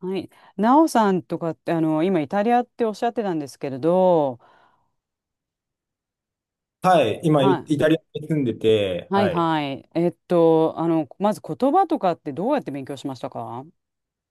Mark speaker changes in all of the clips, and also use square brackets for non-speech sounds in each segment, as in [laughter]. Speaker 1: はい。なおさんとかって、今イタリアっておっしゃってたんですけれど、
Speaker 2: はい。今、イ
Speaker 1: は
Speaker 2: イ
Speaker 1: い。
Speaker 2: タリアに住んでて、
Speaker 1: はい
Speaker 2: はい。
Speaker 1: はい。まず言葉とかってどうやって勉強しましたか？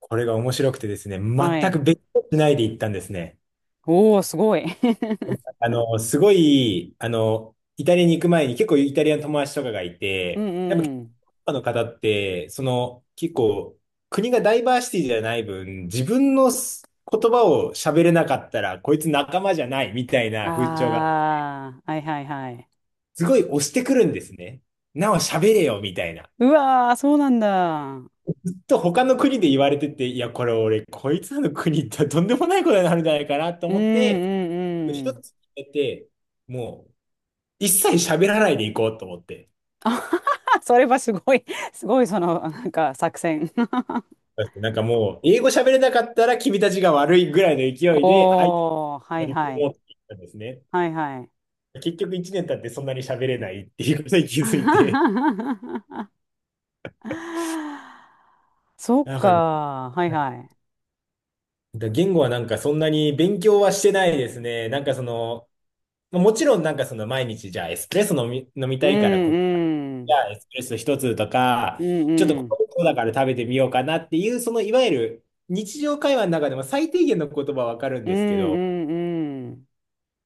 Speaker 2: これが面白くてですね、
Speaker 1: は
Speaker 2: 全く
Speaker 1: い。
Speaker 2: 別居しないで行ったんですね。
Speaker 1: おー、すごい。[laughs]
Speaker 2: すごい、イタリアに行く前に結構イタリアの友達とかがい
Speaker 1: うん
Speaker 2: て、やっぱヨ
Speaker 1: う
Speaker 2: ー
Speaker 1: ん。
Speaker 2: ロッパの方って、結構、国がダイバーシティじゃない分、自分の言葉を喋れなかったら、こいつ仲間じゃないみたいな風潮が、
Speaker 1: ああ、はいはいはい。
Speaker 2: すごい押してくるんですね。なお喋れよみたいな。
Speaker 1: うわー、そうなんだ。うん
Speaker 2: と他の国で言われてて、いや、これ俺、こいつらの国行ったらとんでもないことになるんじゃないかなと
Speaker 1: う
Speaker 2: 思って、で
Speaker 1: んう
Speaker 2: 一
Speaker 1: ん。
Speaker 2: つ決めて、もう、一切喋らないで行こうと思って。
Speaker 1: [laughs] あはは、それはすごい、すごいその、なんか作戦。
Speaker 2: なんかもう、英語喋れなかったら君たちが悪いぐらいの勢
Speaker 1: [laughs]
Speaker 2: いで、相手に
Speaker 1: おー、は
Speaker 2: 乗
Speaker 1: い
Speaker 2: り
Speaker 1: は
Speaker 2: 込
Speaker 1: い。
Speaker 2: もうって言ったんですね。
Speaker 1: はいはい。
Speaker 2: 結局一年経ってそんなに喋れないっていうことに気づいて、
Speaker 1: [laughs] そっ
Speaker 2: なんか、な
Speaker 1: か。はいは
Speaker 2: んか言語はなんかそんなに勉強はしてないですね。なんかその、もちろんなんかその毎日じゃあエスプレッソ飲み
Speaker 1: い。う
Speaker 2: たいからこっち
Speaker 1: んう
Speaker 2: じゃ
Speaker 1: ん。
Speaker 2: あエスプレッソ一つと
Speaker 1: う
Speaker 2: か、
Speaker 1: ん
Speaker 2: ちょっと
Speaker 1: う
Speaker 2: こ
Speaker 1: ん。
Speaker 2: うだから食べてみようかなっていう、そのいわゆる日常会話の中でも最低限の言葉はわかるん
Speaker 1: うん
Speaker 2: ですけ
Speaker 1: う
Speaker 2: ど、
Speaker 1: んうん。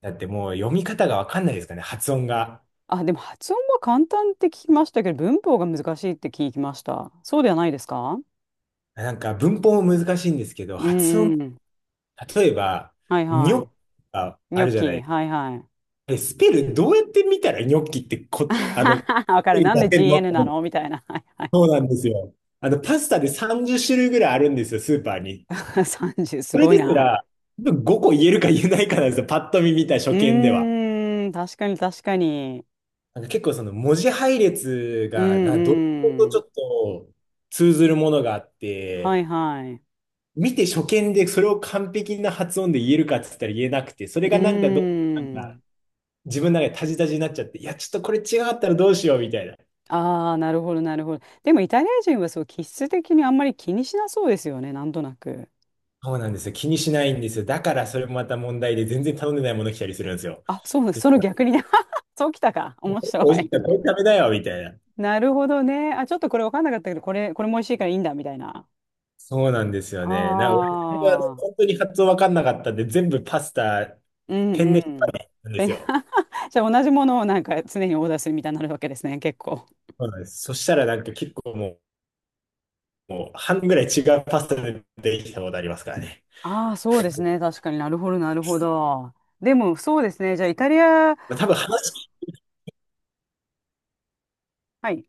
Speaker 2: だってもう読み方がわかんないですかね、発音が。
Speaker 1: あ、でも発音は簡単って聞きましたけど、文法が難しいって聞きました。そうではないですか？
Speaker 2: なんか文法も難しいんですけど、
Speaker 1: う
Speaker 2: 発
Speaker 1: ん
Speaker 2: 音、
Speaker 1: うん。
Speaker 2: 例えば、
Speaker 1: はい
Speaker 2: ニ
Speaker 1: は
Speaker 2: ョッキ
Speaker 1: い。
Speaker 2: が
Speaker 1: ニ
Speaker 2: あ
Speaker 1: ョッ
Speaker 2: るじゃ
Speaker 1: キ、
Speaker 2: ない。
Speaker 1: はいはい。
Speaker 2: え、スペルどうやって見たらニョッキって
Speaker 1: [laughs] わかる。
Speaker 2: 出
Speaker 1: なんで
Speaker 2: せるのと
Speaker 1: GN な
Speaker 2: 思って、
Speaker 1: のみたいな。はいはい。
Speaker 2: そうなんですよ。パスタで30種類ぐらいあるんですよ、スーパーに。
Speaker 1: [laughs] 30、す
Speaker 2: それ
Speaker 1: ごい
Speaker 2: です
Speaker 1: な。
Speaker 2: ら、5個言えるか言えないかなんですよ。パッと見た初
Speaker 1: う
Speaker 2: 見では。
Speaker 1: ーん、確かに確かに。
Speaker 2: なんか結構その文字配列
Speaker 1: う
Speaker 2: が、
Speaker 1: ん
Speaker 2: どこと
Speaker 1: う
Speaker 2: ち
Speaker 1: ん。
Speaker 2: ょっと通ずるものがあっ
Speaker 1: はい
Speaker 2: て、
Speaker 1: はい。う
Speaker 2: 見て初見でそれを完璧な発音で言えるかって言ったら言えなくて、それ
Speaker 1: ー
Speaker 2: がなんかどう、なんか
Speaker 1: ん。
Speaker 2: 自分の中でタジタジになっちゃって、いや、ちょっとこれ違かったらどうしようみたいな。
Speaker 1: ああ、なるほど、なるほど。でもイタリア人はそう、気質的にあんまり気にしなそうですよね、なんとなく。
Speaker 2: そうなんですよ。気にしないんですよ。だからそれもまた問題で全然頼んでないもの来たりするんですよ。
Speaker 1: あ、そうなその逆にね。[laughs] そうきたか。面白
Speaker 2: 美味しい
Speaker 1: い。
Speaker 2: からこれ食べなよみたいな。
Speaker 1: なるほどね。あ、ちょっとこれ分かんなかったけど、これも美味しいからいいんだ、みたいな。
Speaker 2: そうなんですよね。俺、
Speaker 1: ああ、
Speaker 2: 本当に発音わかんなかったんで、全部パスタ、
Speaker 1: うん
Speaker 2: ペン
Speaker 1: う
Speaker 2: ネして
Speaker 1: ん。
Speaker 2: たんで
Speaker 1: え
Speaker 2: すよ。
Speaker 1: [laughs] じゃあ同じものをなんか常にオーダーするみたいになるわけですね、結構。
Speaker 2: そうなんです。そしたらなんか結構もう半分ぐらい違うパスタでできたことありますからね。
Speaker 1: ああ、そうですね。確かになるほど、なるほど。でも、そうですね。じゃあイタリア、
Speaker 2: まあ、多分話
Speaker 1: はい。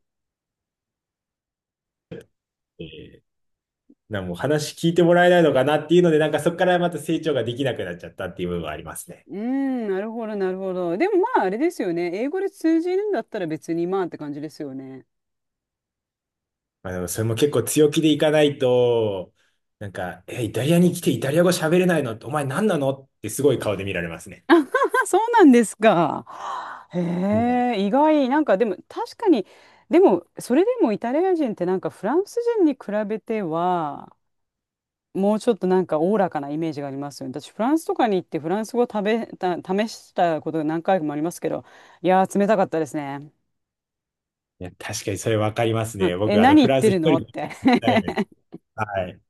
Speaker 2: 聞いて、もう話聞いてもらえないのかなっていうので、なんかそこからまた成長ができなくなっちゃったっていう部分はありますね。
Speaker 1: うん、なるほど、なるほど。でもまあ、あれですよね。英語で通じるんだったら別にまあって感じですよね。
Speaker 2: まあでもそれも結構強気でいかないと、なんか、イタリアに来てイタリア語喋れないのってお前何なのってすごい顔で見られますね。
Speaker 1: あ、そうなんですか。へえ、意外。なんかでも確かに、でもそれでもイタリア人ってなんかフランス人に比べては、もうちょっとなんかおおらかなイメージがありますよね。私、フランスとかに行ってフランス語食べた、試したことが何回もありますけど、いやー、冷たかったですね。
Speaker 2: いや、確かにそれわかります
Speaker 1: うん、
Speaker 2: ね。
Speaker 1: え、
Speaker 2: 僕、
Speaker 1: 何
Speaker 2: フ
Speaker 1: 言っ
Speaker 2: ラン
Speaker 1: て
Speaker 2: ス一
Speaker 1: る
Speaker 2: 人
Speaker 1: の
Speaker 2: で
Speaker 1: っ
Speaker 2: 行き
Speaker 1: て。
Speaker 2: たいです。はい。だか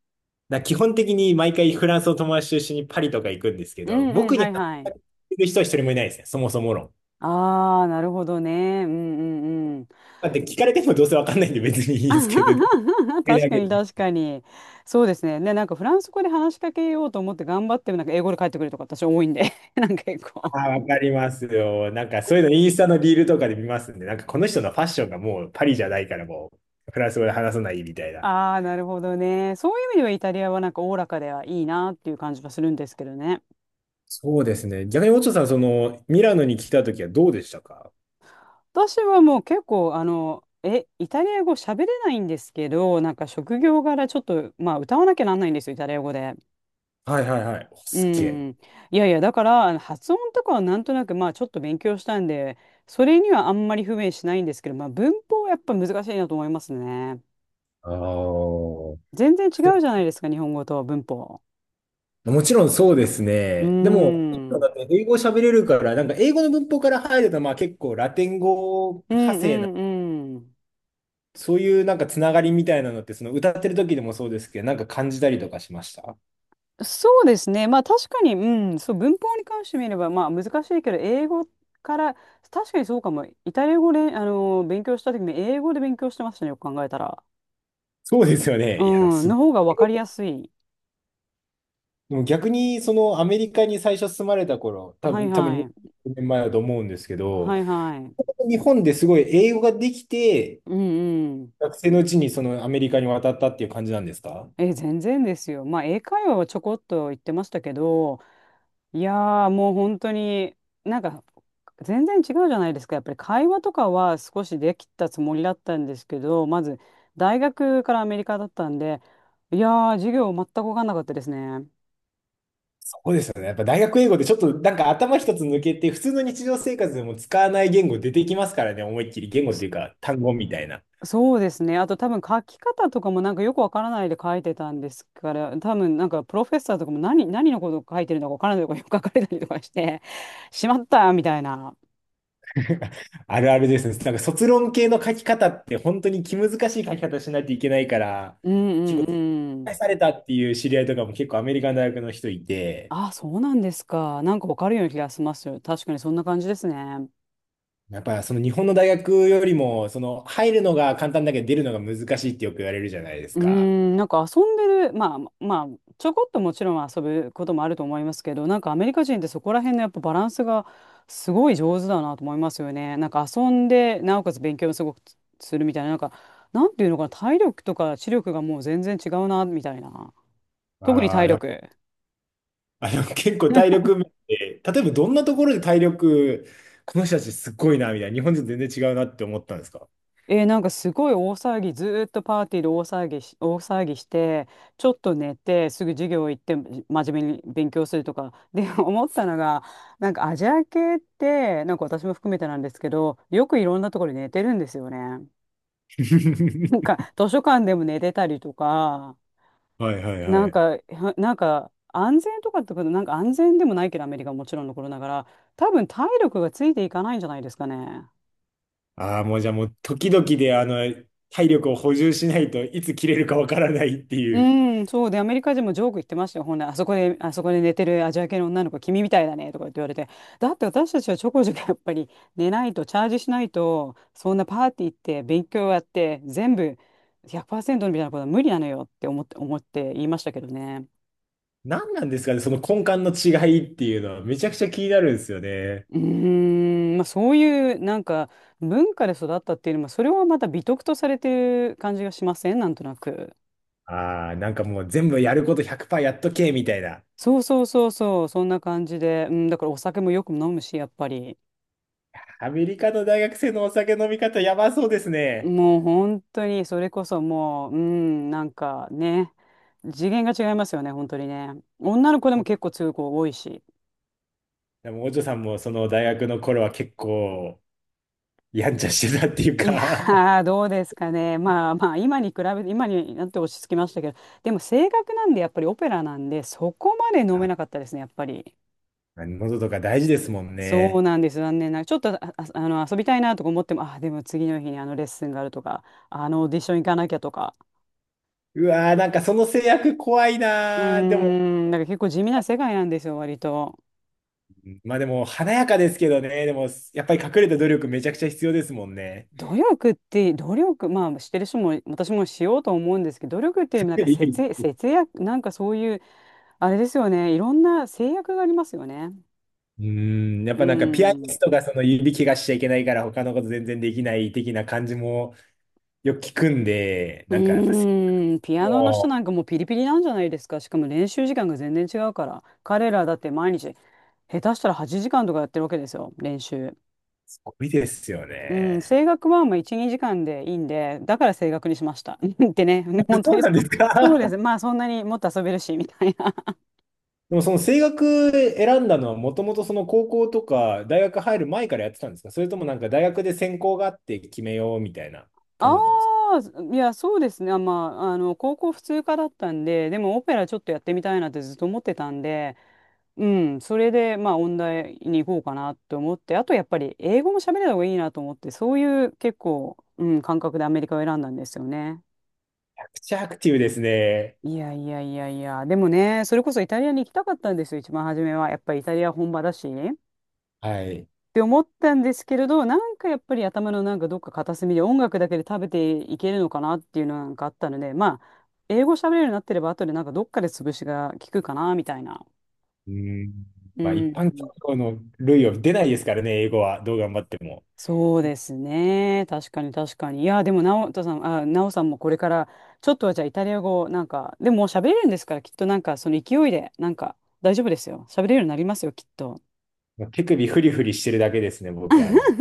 Speaker 2: ら基本的に毎回フランスの友達と一緒にパリとか行くんです
Speaker 1: [laughs]
Speaker 2: け
Speaker 1: う
Speaker 2: ど、
Speaker 1: んうん、
Speaker 2: 僕に
Speaker 1: はい
Speaker 2: 話し
Speaker 1: は
Speaker 2: か
Speaker 1: い。
Speaker 2: けてる人は一人もいないですね。そもそも論。
Speaker 1: ああ、なるほどね。うんうんうん。
Speaker 2: だって聞かれてもどうせわかんないんで別にい
Speaker 1: [laughs]
Speaker 2: いんですけど、それ
Speaker 1: 確
Speaker 2: だ
Speaker 1: か
Speaker 2: けで
Speaker 1: に
Speaker 2: ね。
Speaker 1: 確かに。そうですね。で、なんかフランス語で話しかけようと思って頑張っても、なんか英語で帰ってくるとか私多いんで、[laughs] なんか結構。
Speaker 2: ああ、わかりますよ。なんかそういうのインスタのリールとかで見ますんで、なんかこの人のファッションがもうパリじゃないからもうフランス語で話さないみたいな。
Speaker 1: ああ、なるほどね。そういう意味ではイタリアはなんかおおらかではいいなっていう感じはするんですけどね。
Speaker 2: そうですね。逆に、オチョさん、ミラノに来た時はどうでしたか？
Speaker 1: 私はもう結構、イタリア語喋れないんですけど、なんか職業柄ちょっと、まあ歌わなきゃなんないんですよ、イタリア語で。
Speaker 2: はいはいはい。お
Speaker 1: う
Speaker 2: すっげえ。
Speaker 1: ん。いやいや、だから、あの発音とかはなんとなく、まあ、ちょっと勉強したんで、それにはあんまり不便しないんですけど、まあ、文法はやっぱ難しいなと思いますね。
Speaker 2: ああ。
Speaker 1: 全然違うじゃないですか、日本語と文法。
Speaker 2: もちろんそうです
Speaker 1: うーん。
Speaker 2: ね。でも、
Speaker 1: う
Speaker 2: だ
Speaker 1: ん
Speaker 2: って英語喋れるから、なんか英語の文法から入ると、まあ結構ラテン語
Speaker 1: う
Speaker 2: 派
Speaker 1: ん
Speaker 2: 生な、
Speaker 1: うん。
Speaker 2: そういうなんかつながりみたいなのって、その歌ってる時でもそうですけど、なんか感じたりとかしました。
Speaker 1: そうですね。まあ、確かに、うん、そう、文法に関して見れば、まあ、難しいけど、英語から、確かにそうかも。イタリア語で、勉強した時も、英語で勉強してましたね、よく考えたら。
Speaker 2: そうですよね。いや、[laughs] でも
Speaker 1: うん、
Speaker 2: すご
Speaker 1: の
Speaker 2: い。
Speaker 1: 方が分かりやすい。
Speaker 2: でも逆に、そのアメリカに最初住まれた頃、多
Speaker 1: はい
Speaker 2: 分、多分
Speaker 1: はい。
Speaker 2: 20年前だと思うんですけど、
Speaker 1: はいはい。
Speaker 2: 日本ですごい英語ができて、
Speaker 1: うんうん。
Speaker 2: 学生のうちにそのアメリカに渡ったっていう感じなんですか？
Speaker 1: え、全然ですよ。まあ、英会話はちょこっと言ってましたけど、いやー、もう本当に、なんか、全然違うじゃないですか。やっぱり会話とかは少しできたつもりだったんですけど、まず、大学からアメリカだったんで、いやー、授業全く分かんなかったですね。
Speaker 2: そうですよね。やっぱ大学英語でちょっとなんか頭一つ抜けて、普通の日常生活でも使わない言語出てきますからね、思いっきり言語っ
Speaker 1: そ
Speaker 2: ていうか単語みたいな。
Speaker 1: そうですね。あと多分書き方とかもなんかよくわからないで書いてたんですから、多分なんかプロフェッサーとかも何のことを書いてるのかわからないとかよく書かれたりとかして、[laughs] しまったみたいな。
Speaker 2: [laughs] あるあるですね。なんか卒論系の書き方って本当に気難しい書き方しないといけないから、
Speaker 1: うんう
Speaker 2: 結構、
Speaker 1: んうん。
Speaker 2: されたっていう知り合いとかも結構アメリカの大学の人いて、
Speaker 1: あ、そうなんですか。なんかわかるような気がしますよ。確かにそんな感じですね。
Speaker 2: やっぱその日本の大学よりも、その入るのが簡単だけど出るのが難しいってよく言われるじゃないです
Speaker 1: うー
Speaker 2: か。
Speaker 1: ん、なんか遊んでる、まあまあ、ちょこっともちろん遊ぶこともあると思いますけど、なんかアメリカ人ってそこら辺のやっぱバランスがすごい上手だなと思いますよね。なんか遊んで、なおかつ勉強もすごくつするみたいな、なんか、なんていうのかな、体力とか知力がもう全然違うな、みたいな。特に
Speaker 2: ああ、
Speaker 1: 体力。
Speaker 2: 結構体力面で、例えばどんなところで体力、この人たちすっごいな、みたいな、日本人全然違うなって思ったんですか？
Speaker 1: えー、なんかすごい大騒ぎ、ずーっとパーティーで大騒ぎし、大騒ぎして、ちょっと寝て、すぐ授業行って、真面目に勉強するとか。で、[laughs] 思ったのが、なんかアジア系って、なんか私も含めてなんですけど、よくいろんなところで寝てるんですよね。[laughs]
Speaker 2: [laughs]
Speaker 1: なんか図書館でも寝てたりとか、
Speaker 2: はいはい
Speaker 1: な
Speaker 2: は
Speaker 1: ん
Speaker 2: い。
Speaker 1: か、はなんか安全とかってこと、なんか安全でもないけど、アメリカはもちろんのことながら、多分体力がついていかないんじゃないですかね。
Speaker 2: ああ、もうじゃあもう時々で体力を補充しないといつ切れるかわからないっていう。
Speaker 1: うん、そうで、アメリカ人もジョーク言ってましたよ。ほんならあそこで寝てるアジア系の女の子、君みたいだね、とか言って言われて。だって私たちはちょこちょこやっぱり寝ないと、チャージしないと、そんなパーティー行って、勉強やって、全部100%みたいなことは無理なのよって思って言いましたけどね。
Speaker 2: 何なんですかね、その根幹の違いっていうのはめちゃくちゃ気になるんですよね。
Speaker 1: うーん、まあそういうなんか文化で育ったっていうのも、それはまた美徳とされてる感じがしませんなんとなく。
Speaker 2: ああ、なんかもう全部やること100%やっとけ、みたいな。
Speaker 1: そうそうそうそう、そんな感じで。うん、だからお酒もよく飲むし、やっぱり。
Speaker 2: アメリカの大学生のお酒飲み方やばそうですね。
Speaker 1: もう本当に、それこそもう、うん、なんかね、次元が違いますよね、本当にね。女の子でも結構強い子多いし。
Speaker 2: でも、お嬢さんもその大学の頃は結構、やんちゃしてたっていう
Speaker 1: い
Speaker 2: か？
Speaker 1: やー、どうですかね。まあまあ、今に比べて、今になって落ち着きましたけど、でも性格なんで、やっぱりオペラなんで、そこまで飲め
Speaker 2: [laughs] あ、
Speaker 1: なかったですね、やっぱり。
Speaker 2: 喉とか大事ですもん
Speaker 1: そう
Speaker 2: ね。
Speaker 1: なんです、残念ながら。ちょっと、あの、遊びたいなとか思っても、あ、でも次の日にあのレッスンがあるとか、あのオーディション行かなきゃとか。
Speaker 2: うわー、なんかその制約怖い
Speaker 1: う
Speaker 2: なー。でも、
Speaker 1: ーん、だから結構地味な世界なんですよ、割と。
Speaker 2: まあでも、華やかですけどね。でも、やっぱり隠れた努力めちゃくちゃ必要ですもんね。
Speaker 1: 努力、まあ、してる人も、私もしようと思うんですけど、努力っていうより
Speaker 2: [laughs]
Speaker 1: もなん
Speaker 2: いや
Speaker 1: か
Speaker 2: い
Speaker 1: 節約、
Speaker 2: や、
Speaker 1: 節約、なんかそういう、あれですよね、いろんな制約がありますよね。
Speaker 2: うーん、やっ
Speaker 1: う
Speaker 2: ぱなんかピアニ
Speaker 1: ん。
Speaker 2: ストがその指怪我しちゃいけないから他のこと全然できない的な感じもよく聞くんで、
Speaker 1: う
Speaker 2: なんかやっぱ
Speaker 1: ーん、ピアノの人
Speaker 2: も
Speaker 1: なんかもうピリピリなんじゃないですか。しかも練習時間が全然違うから。彼らだって毎日、下手したら8時間とかやってるわけですよ、練習。
Speaker 2: うすごいですよ
Speaker 1: うん、
Speaker 2: ね。
Speaker 1: 声楽はまあ1、2時間でいいんで、だから声楽にしました。[laughs] ってね、本
Speaker 2: [laughs]
Speaker 1: 当
Speaker 2: そう
Speaker 1: に
Speaker 2: な
Speaker 1: そ
Speaker 2: んです
Speaker 1: [laughs] そうで
Speaker 2: か？
Speaker 1: す。まあそんなにもっと遊べるし、みたいな。
Speaker 2: でもその声楽選んだのはもともとその高校とか大学入る前からやってたんですか？それともなんか大学で専攻があって決めようみたいな感
Speaker 1: あ
Speaker 2: じだったんですか？
Speaker 1: あ、いや、そうですね。あまあ、あの、高校普通科だったんで、でもオペラちょっとやってみたいなってずっと思ってたんで、うん、それで、まあ、音大に行こうかなと思って、あとやっぱり英語も喋れた方がいいなと思って、そういう結構、うん、感覚でアメリカを選んだんですよね。
Speaker 2: めちゃくちゃアクティブですね。
Speaker 1: いやいやいやいや、でもね、それこそイタリアに行きたかったんですよ、一番初めは。やっぱりイタリア本場だし。
Speaker 2: はい。
Speaker 1: って思ったんですけれど、なんかやっぱり頭のなんかどっか片隅で音楽だけで食べていけるのかなっていうのなんかあったので、まあ、英語喋れるようになってれば後でなんかどっかで潰しが効くかなみたいな。
Speaker 2: うん。
Speaker 1: う
Speaker 2: まあ一
Speaker 1: ん。
Speaker 2: 般教養の類を出ないですからね、英語は。どう頑張っても。
Speaker 1: そうですね。確かに確かに。いや、でも、なおさんもこれから、ちょっとはじゃあイタリア語、なんか、でももう喋れるんですから、きっとなんかその勢いで、なんか大丈夫ですよ。喋れるようになりますよ、きっと。
Speaker 2: 手首フリフリしてるだけですね、僕は。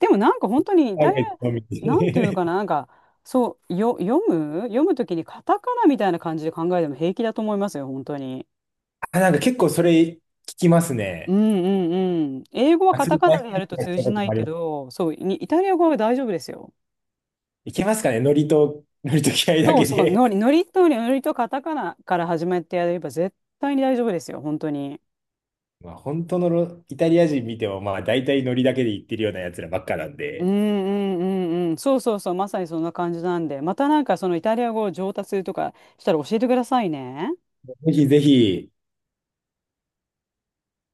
Speaker 1: でもなんか本当にイ
Speaker 2: タ
Speaker 1: タ
Speaker 2: ー
Speaker 1: リ
Speaker 2: ゲットのみ
Speaker 1: ア、なんていうのか
Speaker 2: [laughs]
Speaker 1: な、なんか、そう、よ、読むときにカタカナみたいな感じで考えても平気だと思いますよ、本当に。
Speaker 2: あ、なんか結構それ聞きます
Speaker 1: うん
Speaker 2: ね。
Speaker 1: うんうん。英語は
Speaker 2: ア
Speaker 1: カ
Speaker 2: ス
Speaker 1: タ
Speaker 2: リー
Speaker 1: カ
Speaker 2: ト
Speaker 1: ナでやると
Speaker 2: し
Speaker 1: 通
Speaker 2: た
Speaker 1: じ
Speaker 2: こと
Speaker 1: な
Speaker 2: も
Speaker 1: い
Speaker 2: あり
Speaker 1: け
Speaker 2: ます。
Speaker 1: ど、そう、にイタリア語は大丈夫ですよ。
Speaker 2: いけますかねノリと、[laughs] ノリと気合だ
Speaker 1: そう
Speaker 2: け
Speaker 1: そう、
Speaker 2: で。
Speaker 1: ノリとカタカナから始めてやれば絶対に大丈夫ですよ、本当に。
Speaker 2: まあ、本当のイタリア人見ても、まあ、大体ノリだけで言ってるようなやつらばっかなん
Speaker 1: うん
Speaker 2: で、
Speaker 1: うんうんうん。そうそうそう、まさにそんな感じなんで、またなんかそのイタリア語を上達するとかしたら教えてくださいね。
Speaker 2: ぜひぜひ、